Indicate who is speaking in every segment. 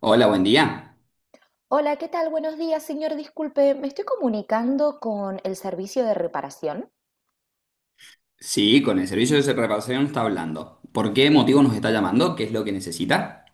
Speaker 1: Hola, buen día.
Speaker 2: Hola, ¿qué tal? Buenos días, señor. Disculpe, me estoy comunicando con el servicio de reparación.
Speaker 1: Sí, con el servicio de reparación está hablando. ¿Por qué motivo nos está llamando? ¿Qué es lo que necesita?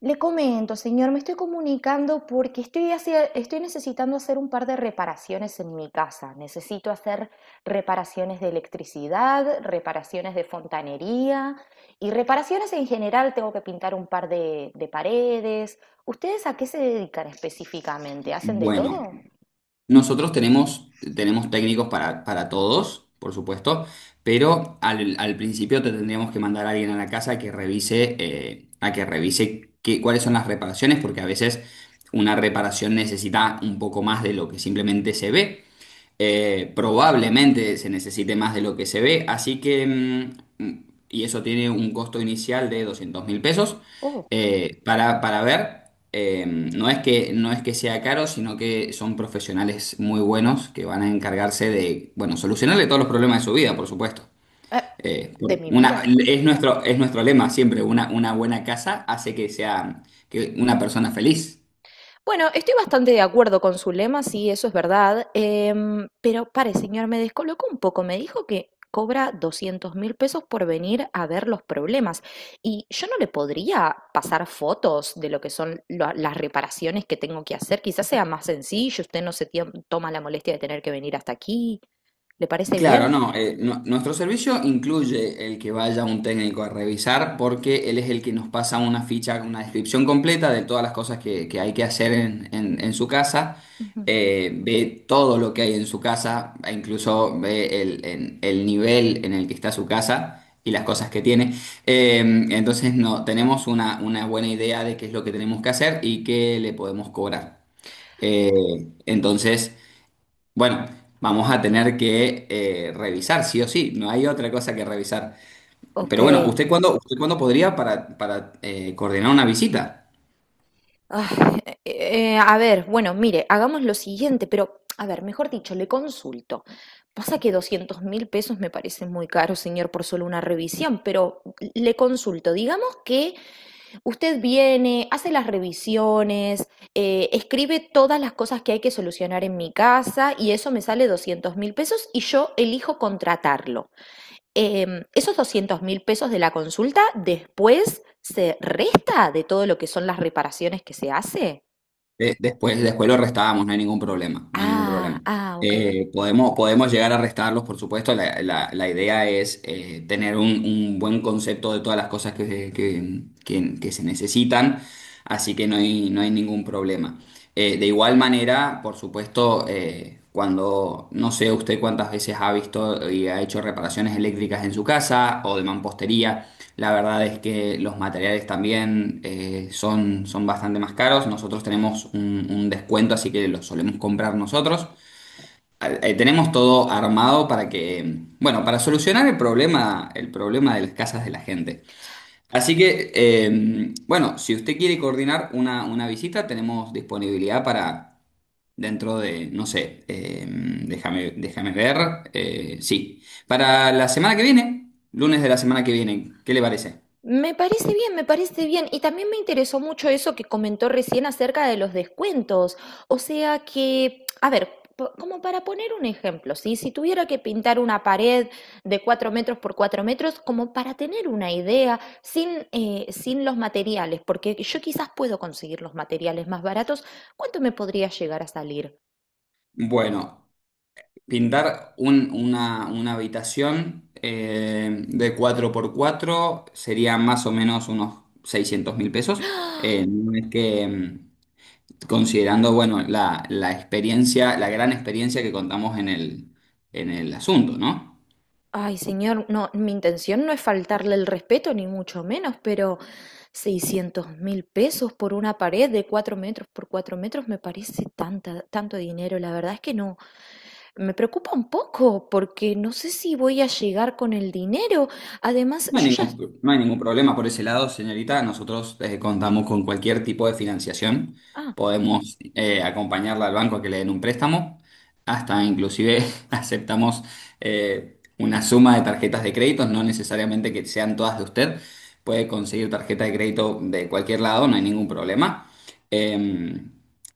Speaker 2: Le comento, señor, me estoy comunicando porque estoy, estoy necesitando hacer un par de reparaciones en mi casa. Necesito hacer reparaciones de electricidad, reparaciones de fontanería y reparaciones en general. Tengo que pintar un par de paredes. ¿Ustedes a qué se dedican específicamente? ¿Hacen de
Speaker 1: Bueno,
Speaker 2: todo?
Speaker 1: nosotros tenemos técnicos para todos, por supuesto, pero al principio te tendríamos que mandar a alguien a la casa que revise, a que revise cuáles son las reparaciones, porque a veces una reparación necesita un poco más de lo que simplemente se ve. Probablemente se necesite más de lo que se ve, así que y eso tiene un costo inicial de 200.000 pesos.
Speaker 2: Oh,
Speaker 1: Para ver, no es que sea caro, sino que son profesionales muy buenos que van a encargarse de, bueno, solucionarle todos los problemas de su vida, por supuesto.
Speaker 2: ah, de mi vida.
Speaker 1: Es nuestro lema siempre, una buena casa hace que sea que una persona feliz.
Speaker 2: Bueno, estoy bastante de acuerdo con su lema, sí, eso es verdad. Pero pare, señor, me descolocó un poco. Me dijo que cobra 200.000 pesos por venir a ver los problemas. Y yo no le podría pasar fotos de lo que son las reparaciones que tengo que hacer. Quizás sea más sencillo, usted no se toma la molestia de tener que venir hasta aquí. ¿Le parece
Speaker 1: Claro,
Speaker 2: bien?
Speaker 1: no, nuestro servicio incluye el que vaya un técnico a revisar porque él es el que nos pasa una ficha, una descripción completa de todas las cosas que hay que hacer en su casa.
Speaker 2: Ujú.
Speaker 1: Ve todo lo que hay en su casa, e incluso ve el nivel en el que está su casa y las cosas que tiene. Eh, entonces no, tenemos una buena idea de qué es lo que tenemos que hacer y qué le podemos cobrar. Eh, entonces... Bueno, vamos a tener que revisar, sí o sí, no hay otra cosa que revisar.
Speaker 2: Ok.
Speaker 1: Pero bueno, ¿usted cuándo podría para coordinar una visita?
Speaker 2: Ay, a ver, bueno, mire, hagamos lo siguiente, pero, a ver, mejor dicho, le consulto. Pasa que 200.000 pesos me parece muy caro, señor, por solo una revisión, pero le consulto. Digamos que usted viene, hace las revisiones, escribe todas las cosas que hay que solucionar en mi casa y eso me sale 200.000 pesos y yo elijo contratarlo. Esos 200.000 pesos de la consulta después se resta de todo lo que son las reparaciones que se hace.
Speaker 1: Después los restábamos, no hay ningún problema, no hay ningún
Speaker 2: Ah,
Speaker 1: problema.
Speaker 2: ah, okey.
Speaker 1: Podemos llegar a restarlos, por supuesto. La idea es tener un buen concepto de todas las cosas que se necesitan, así que no hay, no hay ningún problema. De igual manera, por supuesto, cuando no sé usted cuántas veces ha visto y ha hecho reparaciones eléctricas en su casa o de mampostería. La verdad es que los materiales también son bastante más caros. Nosotros tenemos un descuento, así que los solemos comprar nosotros. Tenemos todo armado para que, bueno, para solucionar el problema de las casas de la gente. Así que, bueno, si usted quiere coordinar una visita, tenemos disponibilidad para dentro de, no sé, déjame ver. Sí, para la semana que viene, lunes de la semana que viene, ¿qué le parece?
Speaker 2: Me parece bien, me parece bien. Y también me interesó mucho eso que comentó recién acerca de los descuentos. O sea que, a ver, como para poner un ejemplo, ¿sí? Si tuviera que pintar una pared de 4 metros por 4 metros, como para tener una idea, sin los materiales, porque yo quizás puedo conseguir los materiales más baratos, ¿cuánto me podría llegar a salir?
Speaker 1: Bueno, pintar una habitación de cuatro por cuatro sería más o menos unos 600.000 pesos. No es que, considerando, bueno, la experiencia, la gran experiencia que contamos en el asunto, ¿no?
Speaker 2: Ay, señor, no, mi intención no es faltarle el respeto, ni mucho menos, pero 600.000 pesos por una pared de 4 metros por 4 metros me parece tanto dinero. La verdad es que no. Me preocupa un poco porque no sé si voy a llegar con el dinero. Además,
Speaker 1: No hay
Speaker 2: yo ya...
Speaker 1: ningún, no hay ningún problema por ese lado, señorita. Nosotros contamos con cualquier tipo de financiación.
Speaker 2: Ah,
Speaker 1: Podemos acompañarla al banco a que le den un préstamo. Hasta inclusive aceptamos una suma de tarjetas de crédito, no necesariamente que sean todas de usted. Puede conseguir tarjeta de crédito de cualquier lado, no hay ningún problema. Eh,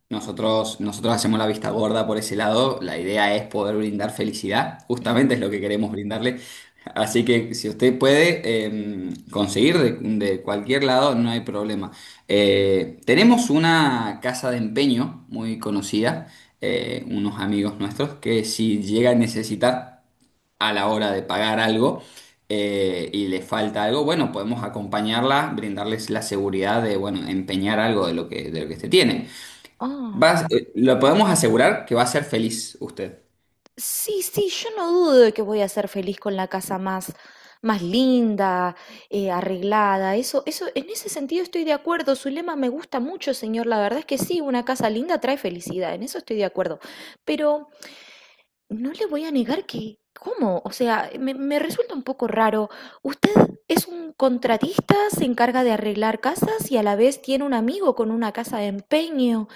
Speaker 1: nosotros hacemos la vista gorda por ese lado. La idea es poder brindar felicidad. Justamente es lo que queremos brindarle. Así que si usted puede conseguir de cualquier lado, no hay problema. Tenemos una casa de empeño muy conocida, unos amigos nuestros, que si llega a necesitar a la hora de pagar algo y le falta algo, bueno, podemos acompañarla, brindarles la seguridad de, bueno, empeñar algo de lo que usted tiene.
Speaker 2: ah.
Speaker 1: Lo podemos asegurar que va a ser feliz usted.
Speaker 2: Sí, sí, yo no dudo de que voy a ser feliz con la casa más linda, arreglada. Eso, en ese sentido estoy de acuerdo. Su lema me gusta mucho, señor. La verdad es que sí, una casa linda trae felicidad. En eso estoy de acuerdo. Pero no le voy a negar que, ¿cómo? O sea, me resulta un poco raro. Usted es un contratista, se encarga de arreglar casas y a la vez tiene un amigo con una casa de empeño.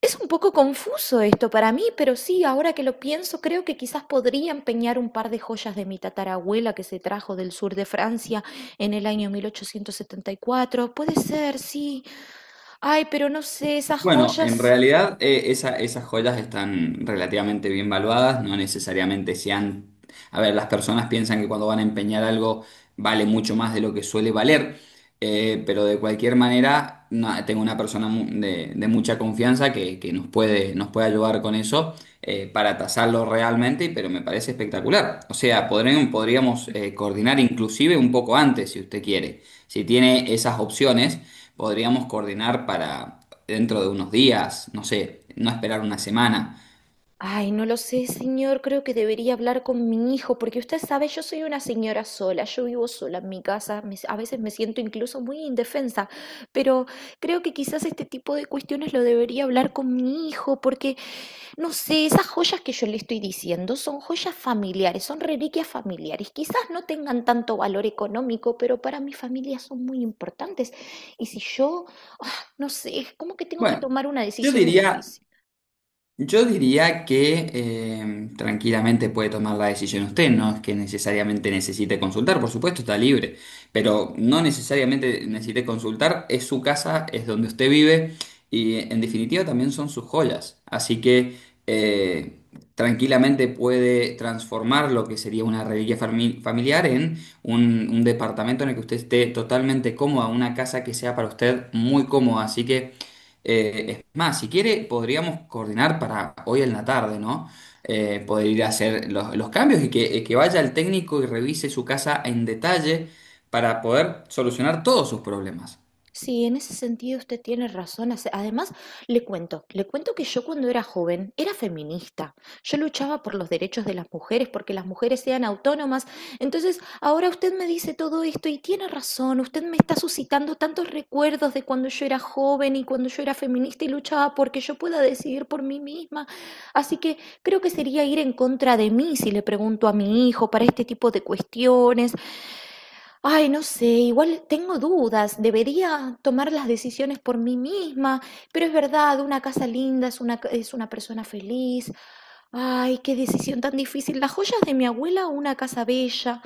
Speaker 2: Es un poco confuso esto para mí, pero sí, ahora que lo pienso, creo que quizás podría empeñar un par de joyas de mi tatarabuela que se trajo del sur de Francia en el año 1874. Puede ser, sí. Ay, pero no sé, esas
Speaker 1: Bueno, en
Speaker 2: joyas.
Speaker 1: realidad esas joyas están relativamente bien valuadas, no necesariamente sean... A ver, las personas piensan que cuando van a empeñar algo vale mucho más de lo que suele valer, pero de cualquier manera tengo una persona de, mucha confianza que nos puede ayudar con eso para tasarlo realmente, pero me parece espectacular. O sea, podríamos coordinar inclusive un poco antes, si usted quiere, si tiene esas opciones. Podríamos coordinar para dentro de unos días, no sé, no esperar una semana.
Speaker 2: Ay, no lo sé, señor. Creo que debería hablar con mi hijo, porque usted sabe, yo soy una señora sola, yo vivo sola en mi casa, a veces me siento incluso muy indefensa, pero creo que quizás este tipo de cuestiones lo debería hablar con mi hijo, porque, no sé, esas joyas que yo le estoy diciendo son joyas familiares, son reliquias familiares. Quizás no tengan tanto valor económico, pero para mi familia son muy importantes. Y si yo, ah, no sé, es como que tengo que
Speaker 1: Bueno,
Speaker 2: tomar una
Speaker 1: yo
Speaker 2: decisión
Speaker 1: diría
Speaker 2: difícil.
Speaker 1: Yo diría que tranquilamente puede tomar la decisión usted, no es que necesariamente necesite consultar, por supuesto está libre, pero no necesariamente necesite consultar, es su casa, es donde usted vive y en definitiva también son sus joyas, así que eh, tranquilamente puede transformar lo que sería una reliquia familiar en un departamento en el que usted esté totalmente cómoda, una casa que sea para usted muy cómoda, así que... Es más, si quiere, podríamos coordinar para hoy en la tarde, ¿no? Poder ir a hacer los cambios y que vaya el técnico y revise su casa en detalle para poder solucionar todos sus problemas.
Speaker 2: Sí, en ese sentido usted tiene razón. Además, le cuento que yo cuando era joven era feminista. Yo luchaba por los derechos de las mujeres, porque las mujeres sean autónomas. Entonces, ahora usted me dice todo esto y tiene razón. Usted me está suscitando tantos recuerdos de cuando yo era joven y cuando yo era feminista y luchaba porque yo pueda decidir por mí misma. Así que creo que sería ir en contra de mí si le pregunto a mi hijo para este tipo de cuestiones. Ay, no sé, igual tengo dudas, debería tomar las decisiones por mí misma, pero es verdad, una casa linda es una persona feliz. Ay, qué decisión tan difícil. Las joyas de mi abuela o una casa bella.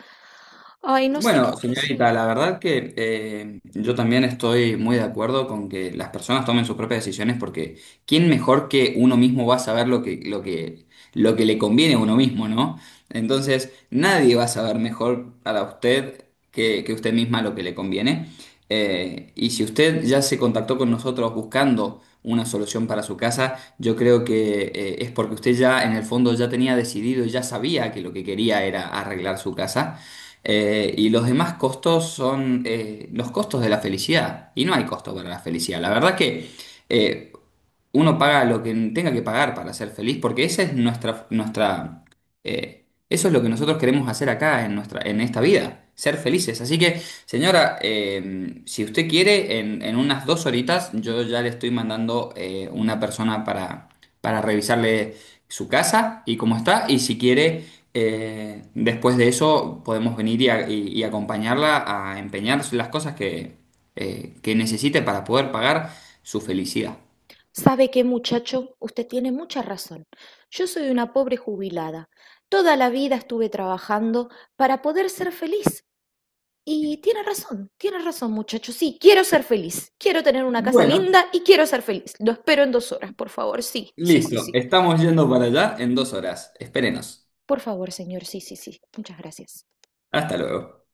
Speaker 2: Ay, no sé qué,
Speaker 1: Bueno,
Speaker 2: qué
Speaker 1: señorita,
Speaker 2: hacer.
Speaker 1: la verdad que yo también estoy muy de acuerdo con que las personas tomen sus propias decisiones porque ¿quién mejor que uno mismo va a saber lo que le conviene a uno mismo? ¿No? Entonces, nadie va a saber mejor a usted que usted misma lo que le conviene. Y si usted ya se contactó con nosotros buscando una solución para su casa, yo creo que es porque usted ya en el fondo ya tenía decidido, y ya sabía que lo que quería era arreglar su casa. Y los demás costos son los costos de la felicidad. Y no hay costo para la felicidad. La verdad que eh, uno paga lo que tenga que pagar para ser feliz, porque esa es eso es lo que nosotros queremos hacer acá en nuestra, en esta vida, ser felices. Así que, señora, si usted quiere, en unas 2 horitas, yo ya le estoy mandando una persona para, revisarle su casa y cómo está, y si quiere, después de eso podemos venir y acompañarla a empeñar las cosas que necesite para poder pagar su felicidad.
Speaker 2: ¿Sabe qué, muchacho? Usted tiene mucha razón. Yo soy una pobre jubilada. Toda la vida estuve trabajando para poder ser feliz. Y tiene razón muchachos, sí, quiero ser feliz, quiero tener una casa
Speaker 1: Bueno,
Speaker 2: linda y quiero ser feliz. Lo espero en 2 horas, por favor, sí, sí, sí,
Speaker 1: listo.
Speaker 2: sí.
Speaker 1: Estamos yendo para allá en 2 horas. Espérenos.
Speaker 2: Por favor, señor, sí, sí, sí. Muchas gracias.
Speaker 1: Hasta luego.